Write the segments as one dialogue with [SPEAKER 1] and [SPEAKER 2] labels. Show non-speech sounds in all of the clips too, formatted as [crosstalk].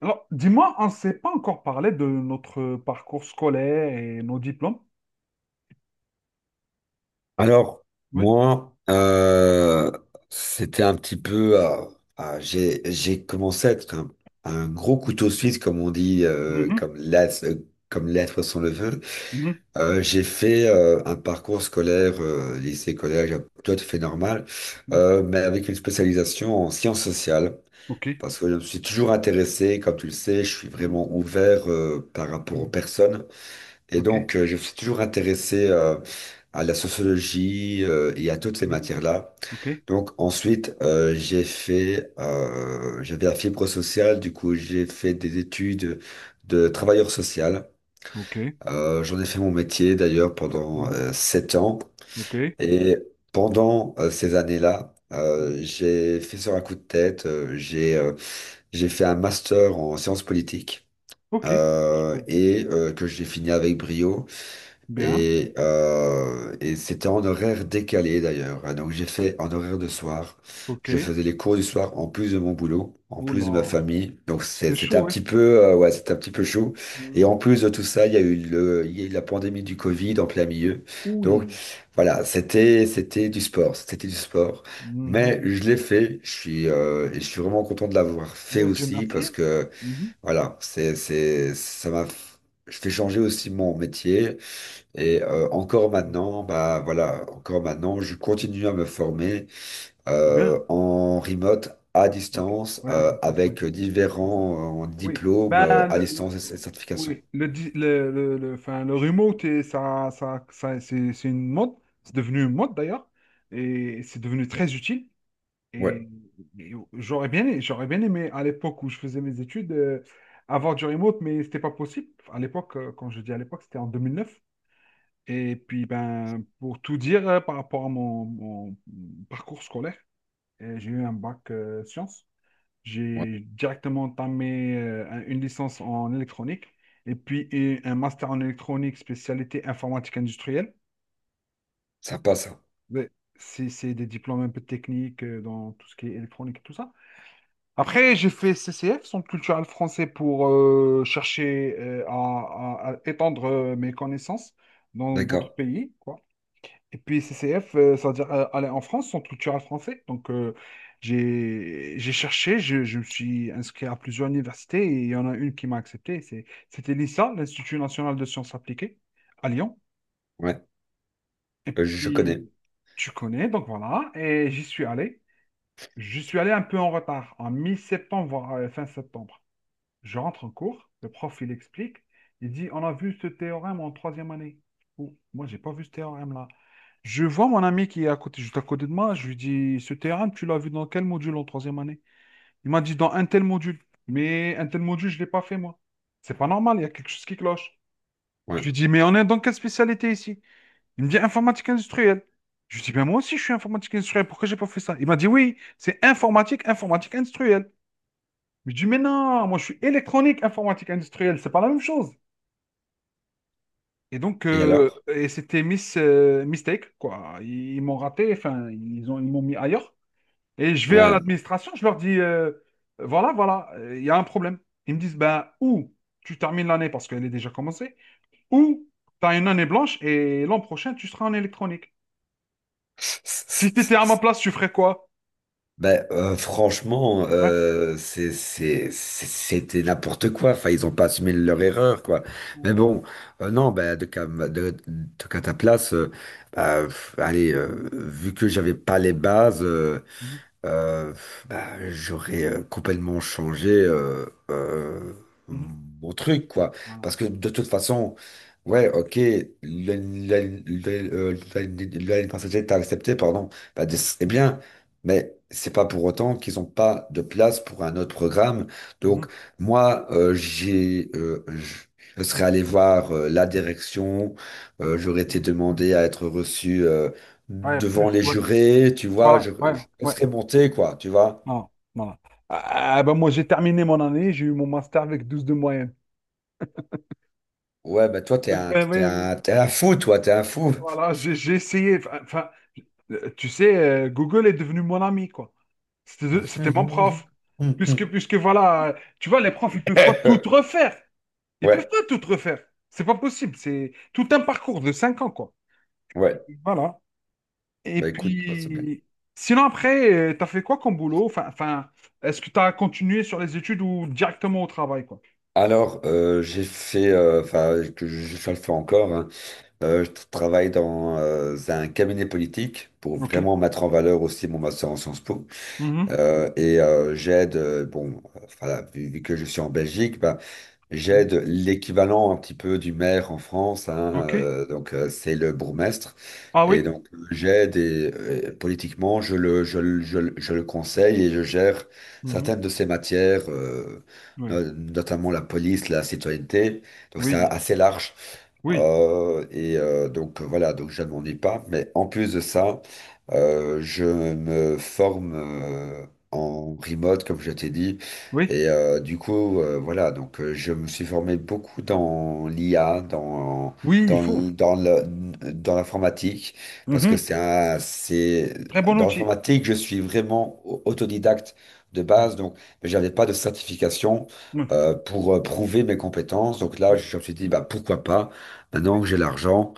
[SPEAKER 1] Alors, dis-moi, on ne s'est pas encore parlé de notre parcours scolaire et nos diplômes.
[SPEAKER 2] Alors,
[SPEAKER 1] Oui.
[SPEAKER 2] moi, c'était un petit peu, j'ai commencé à être un gros couteau suisse, comme on dit,
[SPEAKER 1] Mhm,
[SPEAKER 2] comme l'être sans le veut.
[SPEAKER 1] mhm,
[SPEAKER 2] J'ai fait un parcours scolaire, lycée, collège, tout à fait normal,
[SPEAKER 1] mhm.
[SPEAKER 2] mais avec une spécialisation en sciences sociales.
[SPEAKER 1] OK.
[SPEAKER 2] Parce que je me suis toujours intéressé, comme tu le sais, je suis
[SPEAKER 1] Mhm,
[SPEAKER 2] vraiment ouvert par rapport aux
[SPEAKER 1] mhm.
[SPEAKER 2] personnes. Et
[SPEAKER 1] OK.
[SPEAKER 2] donc, je me suis toujours intéressé à la sociologie et à toutes ces
[SPEAKER 1] Mhm,
[SPEAKER 2] matières-là.
[SPEAKER 1] OK.
[SPEAKER 2] Donc, ensuite, j'avais la fibre sociale, du coup, j'ai fait des études de travailleur social.
[SPEAKER 1] OK.
[SPEAKER 2] J'en ai fait mon métier d'ailleurs pendant
[SPEAKER 1] Mhm,
[SPEAKER 2] 7 ans.
[SPEAKER 1] OK.
[SPEAKER 2] Et pendant ces années-là,
[SPEAKER 1] Mhm.
[SPEAKER 2] j'ai fait sur un coup de tête, j'ai fait un master en sciences politiques
[SPEAKER 1] OK. Sciences Po.
[SPEAKER 2] et que j'ai fini avec brio.
[SPEAKER 1] Bien.
[SPEAKER 2] Et c'était en horaire décalé d'ailleurs, hein. Donc j'ai fait en horaire de soir. Je
[SPEAKER 1] OK.
[SPEAKER 2] faisais les cours du soir en plus de mon boulot, en plus de ma
[SPEAKER 1] Oula,
[SPEAKER 2] famille. Donc
[SPEAKER 1] c'est
[SPEAKER 2] c'était un
[SPEAKER 1] chaud, oui.
[SPEAKER 2] petit peu, ouais, c'était un petit peu chaud. Et
[SPEAKER 1] Mhm.
[SPEAKER 2] en plus de tout ça, il y a eu la pandémie du Covid en plein milieu. Donc
[SPEAKER 1] Oui.
[SPEAKER 2] voilà, c'était du sport, c'était du sport. Mais
[SPEAKER 1] Mhm.
[SPEAKER 2] je l'ai fait. Et je suis vraiment content de l'avoir fait
[SPEAKER 1] Oui, Dieu
[SPEAKER 2] aussi, parce
[SPEAKER 1] merci.
[SPEAKER 2] que
[SPEAKER 1] Mhm.
[SPEAKER 2] voilà, ça m'a. Je fais changer aussi mon métier. Et encore
[SPEAKER 1] Mhm.
[SPEAKER 2] maintenant, bah voilà, encore maintenant, je continue à me former
[SPEAKER 1] C'est bien.
[SPEAKER 2] en remote, à
[SPEAKER 1] OK.
[SPEAKER 2] distance,
[SPEAKER 1] Ouais, à distance, oui.
[SPEAKER 2] avec différents
[SPEAKER 1] Oui,
[SPEAKER 2] diplômes
[SPEAKER 1] ben,
[SPEAKER 2] à distance et certifications.
[SPEAKER 1] oui, enfin, le remote, et c'est une mode, c'est devenu une mode d'ailleurs, et c'est devenu très utile.
[SPEAKER 2] Ouais,
[SPEAKER 1] Et, et j'aurais bien aimé à l'époque où je faisais mes études avoir du remote, mais c'était pas possible. À l'époque, quand je dis à l'époque, c'était en 2009. Et puis, ben, pour tout dire par rapport à mon parcours scolaire, j'ai eu un bac sciences.
[SPEAKER 2] ouais,
[SPEAKER 1] J'ai directement entamé une licence en électronique et puis un master en électronique spécialité informatique industrielle.
[SPEAKER 2] sympa ça.
[SPEAKER 1] Mais c'est des diplômes un peu techniques dans tout ce qui est électronique et tout ça. Après, j'ai fait CCF, Centre culturel français, pour chercher à, à étendre mes connaissances dans d'autres
[SPEAKER 2] D'accord.
[SPEAKER 1] pays, quoi. Et puis CCF, ça veut dire aller en France, centre culturel français. Donc j'ai cherché, je me suis inscrit à plusieurs universités et il y en a une qui m'a accepté. C'était l'INSA, l'Institut national de sciences appliquées, à Lyon.
[SPEAKER 2] Ouais. Je
[SPEAKER 1] Puis
[SPEAKER 2] connais.
[SPEAKER 1] tu connais, donc voilà. Et j'y suis allé. Je suis allé un peu en retard, en mi-septembre, voire fin septembre. Je rentre en cours, le prof il explique, il dit on a vu ce théorème en troisième année. Oh, moi j'ai pas vu ce théorème là. Je vois mon ami qui est à côté, juste à côté de moi, je lui dis ce théorème tu l'as vu dans quel module en troisième année? Il m'a dit dans un tel module, mais un tel module je l'ai pas fait moi. C'est pas normal, il y a quelque chose qui cloche. Je
[SPEAKER 2] Ouais.
[SPEAKER 1] lui dis mais on est dans quelle spécialité ici? Il me dit informatique industrielle. Je lui dis ben moi aussi je suis informatique industrielle, pourquoi j'ai pas fait ça? Il m'a dit oui, c'est informatique, informatique industrielle. Je dis, mais non, moi je suis électronique, informatique industrielle, c'est pas la même chose. Et donc,
[SPEAKER 2] Et alors?
[SPEAKER 1] et c'était miss, mistake, quoi. Ils m'ont raté, enfin, ils m'ont mis ailleurs. Et je vais à
[SPEAKER 2] Ouais.
[SPEAKER 1] l'administration, je leur dis, voilà, voilà, il y a un problème. Ils me disent, ben, ou tu termines l'année parce qu'elle est déjà commencée, ou tu as une année blanche et l'an prochain, tu seras en électronique. Si tu étais à ma
[SPEAKER 2] [laughs]
[SPEAKER 1] place, tu ferais quoi?
[SPEAKER 2] Ben, franchement,
[SPEAKER 1] Ouais.
[SPEAKER 2] c'était n'importe quoi. Enfin, ils ont pas assumé leur erreur, quoi. Mais
[SPEAKER 1] Mhm,
[SPEAKER 2] bon, non, ben, de, cas ta place, bah, pff, allez, vu que j'avais pas les bases,
[SPEAKER 1] mhm,
[SPEAKER 2] euh, bah, j'aurais complètement changé euh,
[SPEAKER 1] mhm.
[SPEAKER 2] mon truc, quoi.
[SPEAKER 1] Voilà.
[SPEAKER 2] Parce que de toute façon, ouais, ok, l'année passagère t'a accepté, pardon, bah, c'est bien, mais c'est pas pour autant qu'ils ont pas de place pour un autre programme. Donc,
[SPEAKER 1] Mhm,
[SPEAKER 2] moi, j'ai, je serais allé voir la direction, j'aurais été
[SPEAKER 1] mhm.
[SPEAKER 2] demandé à être reçu,
[SPEAKER 1] Ouais,
[SPEAKER 2] devant
[SPEAKER 1] plus,
[SPEAKER 2] les
[SPEAKER 1] ouais.
[SPEAKER 2] jurés, tu vois,
[SPEAKER 1] Voilà,
[SPEAKER 2] je,
[SPEAKER 1] ouais,
[SPEAKER 2] je
[SPEAKER 1] ouais.
[SPEAKER 2] laisserai monter, quoi, tu vois.
[SPEAKER 1] Non, voilà. Ah, ah, bah, moi, j'ai terminé mon année, j'ai eu mon master avec 12 de moyenne.
[SPEAKER 2] Ouais, bah toi, t'es
[SPEAKER 1] Donc,
[SPEAKER 2] un,
[SPEAKER 1] ben,
[SPEAKER 2] t'es
[SPEAKER 1] ben,
[SPEAKER 2] un, t'es un fou, toi, t'es un fou.
[SPEAKER 1] voilà, j'ai essayé. Enfin, enfin, tu sais, Google est devenu mon ami, quoi. C'était mon prof.
[SPEAKER 2] [laughs]
[SPEAKER 1] Puisque, puisque voilà, tu vois, les profs, ils peuvent pas tout refaire. Ils peuvent
[SPEAKER 2] Ouais,
[SPEAKER 1] pas tout refaire. C'est pas possible. C'est tout un parcours de 5 ans, quoi. Et
[SPEAKER 2] ouais.
[SPEAKER 1] voilà. Et
[SPEAKER 2] Bah écoute, bah, c'est bien.
[SPEAKER 1] puis, sinon, après, tu as fait quoi comme boulot? Enfin, enfin, est-ce que tu as continué sur les études ou directement au travail, quoi?
[SPEAKER 2] Alors, enfin, que je le fais encore, hein. Je travaille dans un cabinet politique pour
[SPEAKER 1] OK.
[SPEAKER 2] vraiment mettre en valeur aussi mon master en Sciences Po.
[SPEAKER 1] Mhm.
[SPEAKER 2] Bon, voilà, vu que je suis en Belgique, bah,
[SPEAKER 1] Mm.
[SPEAKER 2] j'aide l'équivalent un petit peu du maire en France, hein,
[SPEAKER 1] OK.
[SPEAKER 2] donc c'est le bourgmestre.
[SPEAKER 1] Ah oui.
[SPEAKER 2] Et donc j'aide, et politiquement, je le conseille et je gère
[SPEAKER 1] Mhm.
[SPEAKER 2] certaines de ses matières,
[SPEAKER 1] Oui.
[SPEAKER 2] notamment la police, la citoyenneté. Donc c'est
[SPEAKER 1] Oui.
[SPEAKER 2] assez large.
[SPEAKER 1] Oui.
[SPEAKER 2] Donc voilà, donc je ne m'en ai pas. Mais en plus de ça, je me forme en remote, comme je t'ai dit.
[SPEAKER 1] Oui.
[SPEAKER 2] Du coup, voilà, donc je me suis formé beaucoup dans l'IA,
[SPEAKER 1] Oui, il faut.
[SPEAKER 2] dans l'informatique, parce que
[SPEAKER 1] Mhm. Très bon
[SPEAKER 2] dans
[SPEAKER 1] outil.
[SPEAKER 2] l'informatique, je suis vraiment autodidacte de
[SPEAKER 1] C'est
[SPEAKER 2] base, donc j'avais pas de certification
[SPEAKER 1] Oui.
[SPEAKER 2] pour prouver mes compétences. Donc là,
[SPEAKER 1] Oui.
[SPEAKER 2] je me suis dit, bah, pourquoi pas? Maintenant
[SPEAKER 1] Oui.
[SPEAKER 2] que j'ai l'argent,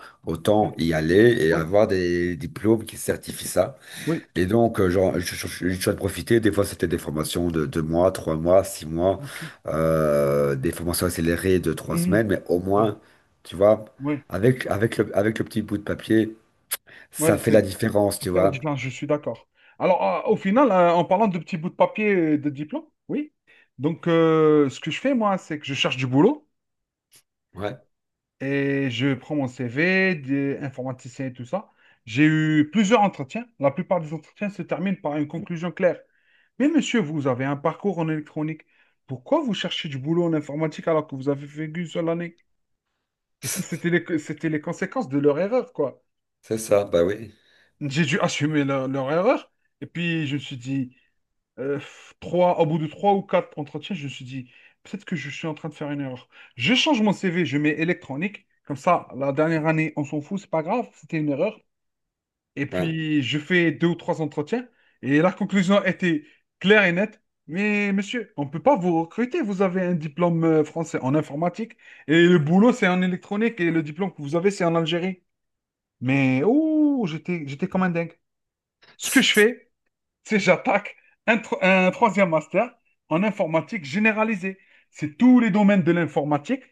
[SPEAKER 1] Oui.
[SPEAKER 2] autant y aller et
[SPEAKER 1] Oui.
[SPEAKER 2] avoir des diplômes qui certifient ça.
[SPEAKER 1] Oui.
[SPEAKER 2] Et donc, genre, je suis en profiter. Des fois, c'était des formations de 2 mois, 3 mois, 6 mois,
[SPEAKER 1] OK.
[SPEAKER 2] des formations accélérées de trois
[SPEAKER 1] Mhm.
[SPEAKER 2] semaines. Mais au
[SPEAKER 1] Mhm.
[SPEAKER 2] moins, tu vois,
[SPEAKER 1] Oui. J'entends.
[SPEAKER 2] avec le petit bout de papier, ça
[SPEAKER 1] Ouais,
[SPEAKER 2] fait la
[SPEAKER 1] c'est
[SPEAKER 2] différence,
[SPEAKER 1] ça
[SPEAKER 2] tu
[SPEAKER 1] fait la
[SPEAKER 2] vois.
[SPEAKER 1] différence, je suis d'accord. Alors, au final, en parlant de petits bouts de papier de diplôme, oui. Donc, ce que je fais, moi, c'est que je cherche du boulot
[SPEAKER 2] Ouais,
[SPEAKER 1] et je prends mon CV, des informaticiens et tout ça. J'ai eu plusieurs entretiens. La plupart des entretiens se terminent par une conclusion claire. Mais monsieur, vous avez un parcours en électronique. Pourquoi vous cherchez du boulot en informatique alors que vous avez fait qu'une seule année? Et ça, c'était les conséquences de leur erreur, quoi.
[SPEAKER 2] c'est ça, bah oui.
[SPEAKER 1] J'ai dû assumer leur erreur. Et puis, je me suis dit, au bout de trois ou quatre entretiens, je me suis dit, peut-être que je suis en train de faire une erreur. Je change mon CV, je mets électronique. Comme ça, la dernière année, on s'en fout, c'est pas grave, c'était une erreur. Et
[SPEAKER 2] Ouais.
[SPEAKER 1] puis, je fais deux ou trois entretiens. Et la conclusion était claire et nette. Mais monsieur, on ne peut pas vous recruter. Vous avez un diplôme français en informatique. Et le boulot, c'est en électronique. Et le diplôme que vous avez, c'est en Algérie. Mais, ouh, j'étais comme un dingue. Ce que je fais, c'est j'attaque un troisième master en informatique généralisée. C'est tous les domaines de l'informatique.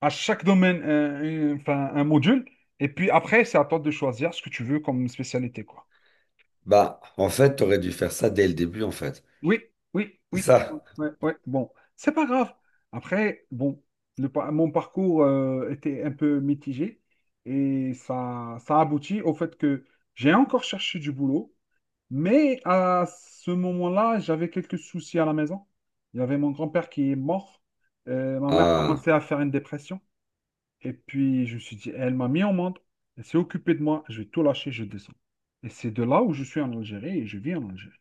[SPEAKER 1] À chaque domaine, enfin, un module. Et puis après, c'est à toi de choisir ce que tu veux comme spécialité, quoi.
[SPEAKER 2] Bah, en fait, t'aurais dû faire ça dès le début, en fait.
[SPEAKER 1] Oui, oui,
[SPEAKER 2] C'est
[SPEAKER 1] oui,
[SPEAKER 2] ça.
[SPEAKER 1] ouais, ouais. Bon, c'est pas grave. Après, bon, mon parcours était un peu mitigé et ça aboutit au fait que j'ai encore cherché du boulot, mais à ce moment-là, j'avais quelques soucis à la maison. Il y avait mon grand-père qui est mort, ma mère
[SPEAKER 2] Ah.
[SPEAKER 1] commençait à faire une dépression et puis je me suis dit, elle m'a mis en monde, elle s'est occupée de moi, je vais tout lâcher, je descends. Et c'est de là où je suis en Algérie et je vis en Algérie,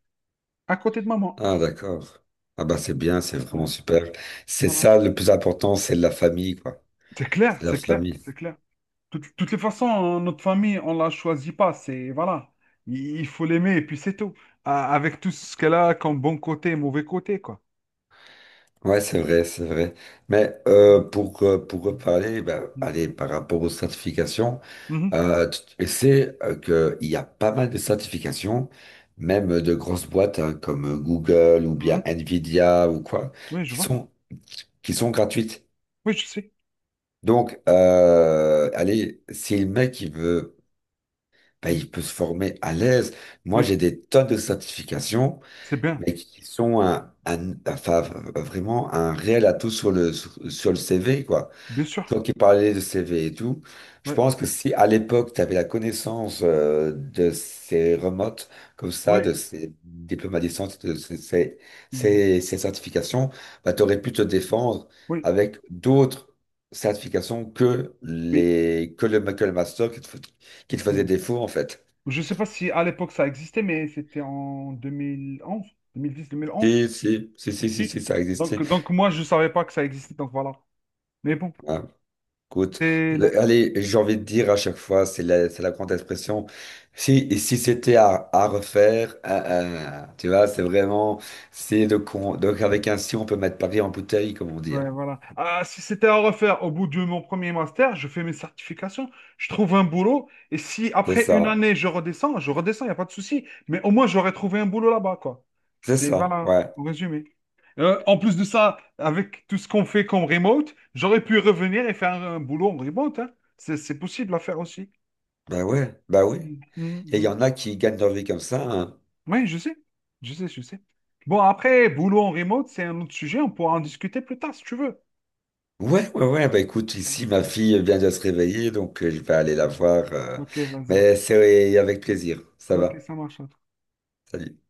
[SPEAKER 1] à côté de maman.
[SPEAKER 2] Ah, d'accord. Ah, bah, c'est bien, c'est vraiment
[SPEAKER 1] Ouais.
[SPEAKER 2] super. C'est
[SPEAKER 1] Voilà.
[SPEAKER 2] ça, le plus important, c'est la famille, quoi.
[SPEAKER 1] C'est clair,
[SPEAKER 2] C'est la
[SPEAKER 1] c'est clair,
[SPEAKER 2] famille.
[SPEAKER 1] c'est clair. Toutes les façons, hein, notre famille, on la choisit pas. C'est, voilà, il faut l'aimer et puis c'est tout. Avec tout ce qu'elle a comme bon côté et mauvais côté, quoi.
[SPEAKER 2] Ouais, c'est vrai, c'est vrai. Mais pour reparler, ben allez, par rapport aux certifications,
[SPEAKER 1] Mhm,
[SPEAKER 2] tu sais que qu'il y a pas mal de certifications, même de grosses boîtes hein, comme Google ou
[SPEAKER 1] mhm.
[SPEAKER 2] bien Nvidia ou quoi,
[SPEAKER 1] Oui, je
[SPEAKER 2] qui
[SPEAKER 1] vois.
[SPEAKER 2] sont, qui sont gratuites.
[SPEAKER 1] Oui, je sais.
[SPEAKER 2] Donc, allez, si le mec, il veut, ben,
[SPEAKER 1] Mhm.
[SPEAKER 2] il peut se former à l'aise. Moi,
[SPEAKER 1] Oui,
[SPEAKER 2] j'ai des tonnes de certifications,
[SPEAKER 1] c'est bien.
[SPEAKER 2] mais qui sont enfin, vraiment un réel atout sur le CV, quoi.
[SPEAKER 1] Bien sûr.
[SPEAKER 2] Toi qui parlais de CV et tout, je
[SPEAKER 1] Oui,
[SPEAKER 2] pense que si à l'époque, tu avais la connaissance de ces remotes, comme ça,
[SPEAKER 1] oui.
[SPEAKER 2] de ces diplômes à distance, de ces, ces,
[SPEAKER 1] Mhm.
[SPEAKER 2] ces- ces certifications, ben, tu aurais pu te défendre
[SPEAKER 1] Oui,
[SPEAKER 2] avec d'autres certifications
[SPEAKER 1] oui.
[SPEAKER 2] que le master qui te faisait
[SPEAKER 1] Mhm.
[SPEAKER 2] défaut, en fait.
[SPEAKER 1] Je sais pas si à l'époque ça existait, mais c'était en deux mille onze, 2010, 2011.
[SPEAKER 2] Si, si, si, si, si,
[SPEAKER 1] Si.
[SPEAKER 2] si, ça existait.
[SPEAKER 1] Donc moi, je savais pas que ça existait, donc voilà. Mais bon,
[SPEAKER 2] Ah, écoute,
[SPEAKER 1] c'est
[SPEAKER 2] allez, j'ai envie de dire à chaque fois, c'est la grande expression. Si, et si c'était à refaire, ah, ah, tu vois, c'est vraiment, c'est de con. Donc, avec un si, on peut mettre Paris en bouteille, comme on dit, hein.
[SPEAKER 1] Ouais, voilà. Ah, si c'était à refaire au bout de mon premier master, je fais mes certifications, je trouve un boulot, et si
[SPEAKER 2] C'est
[SPEAKER 1] après une
[SPEAKER 2] ça,
[SPEAKER 1] année je redescends, il n'y a pas de souci, mais au moins j'aurais trouvé un boulot là-bas, quoi.
[SPEAKER 2] c'est
[SPEAKER 1] C'est,
[SPEAKER 2] ça,
[SPEAKER 1] voilà,
[SPEAKER 2] ouais.
[SPEAKER 1] en résumé. En plus de ça, avec tout ce qu'on fait comme remote, j'aurais pu revenir et faire un, boulot en remote, hein. C'est possible à faire aussi.
[SPEAKER 2] Ben ouais, bah oui.
[SPEAKER 1] Mm, mm,
[SPEAKER 2] Et il y
[SPEAKER 1] mm.
[SPEAKER 2] en a qui gagnent leur vie comme ça, hein.
[SPEAKER 1] Oui, je sais, je sais, je sais. Bon, après, boulot en remote, c'est un autre sujet, on pourra en discuter plus tard si tu veux.
[SPEAKER 2] Ouais, ouais, ouais. Bah écoute, ici, ma fille vient de se réveiller, donc je vais aller
[SPEAKER 1] Ok,
[SPEAKER 2] la voir,
[SPEAKER 1] ok, vas-y.
[SPEAKER 2] mais c'est avec plaisir. Ça
[SPEAKER 1] Ok,
[SPEAKER 2] va.
[SPEAKER 1] ça marche.
[SPEAKER 2] Salut.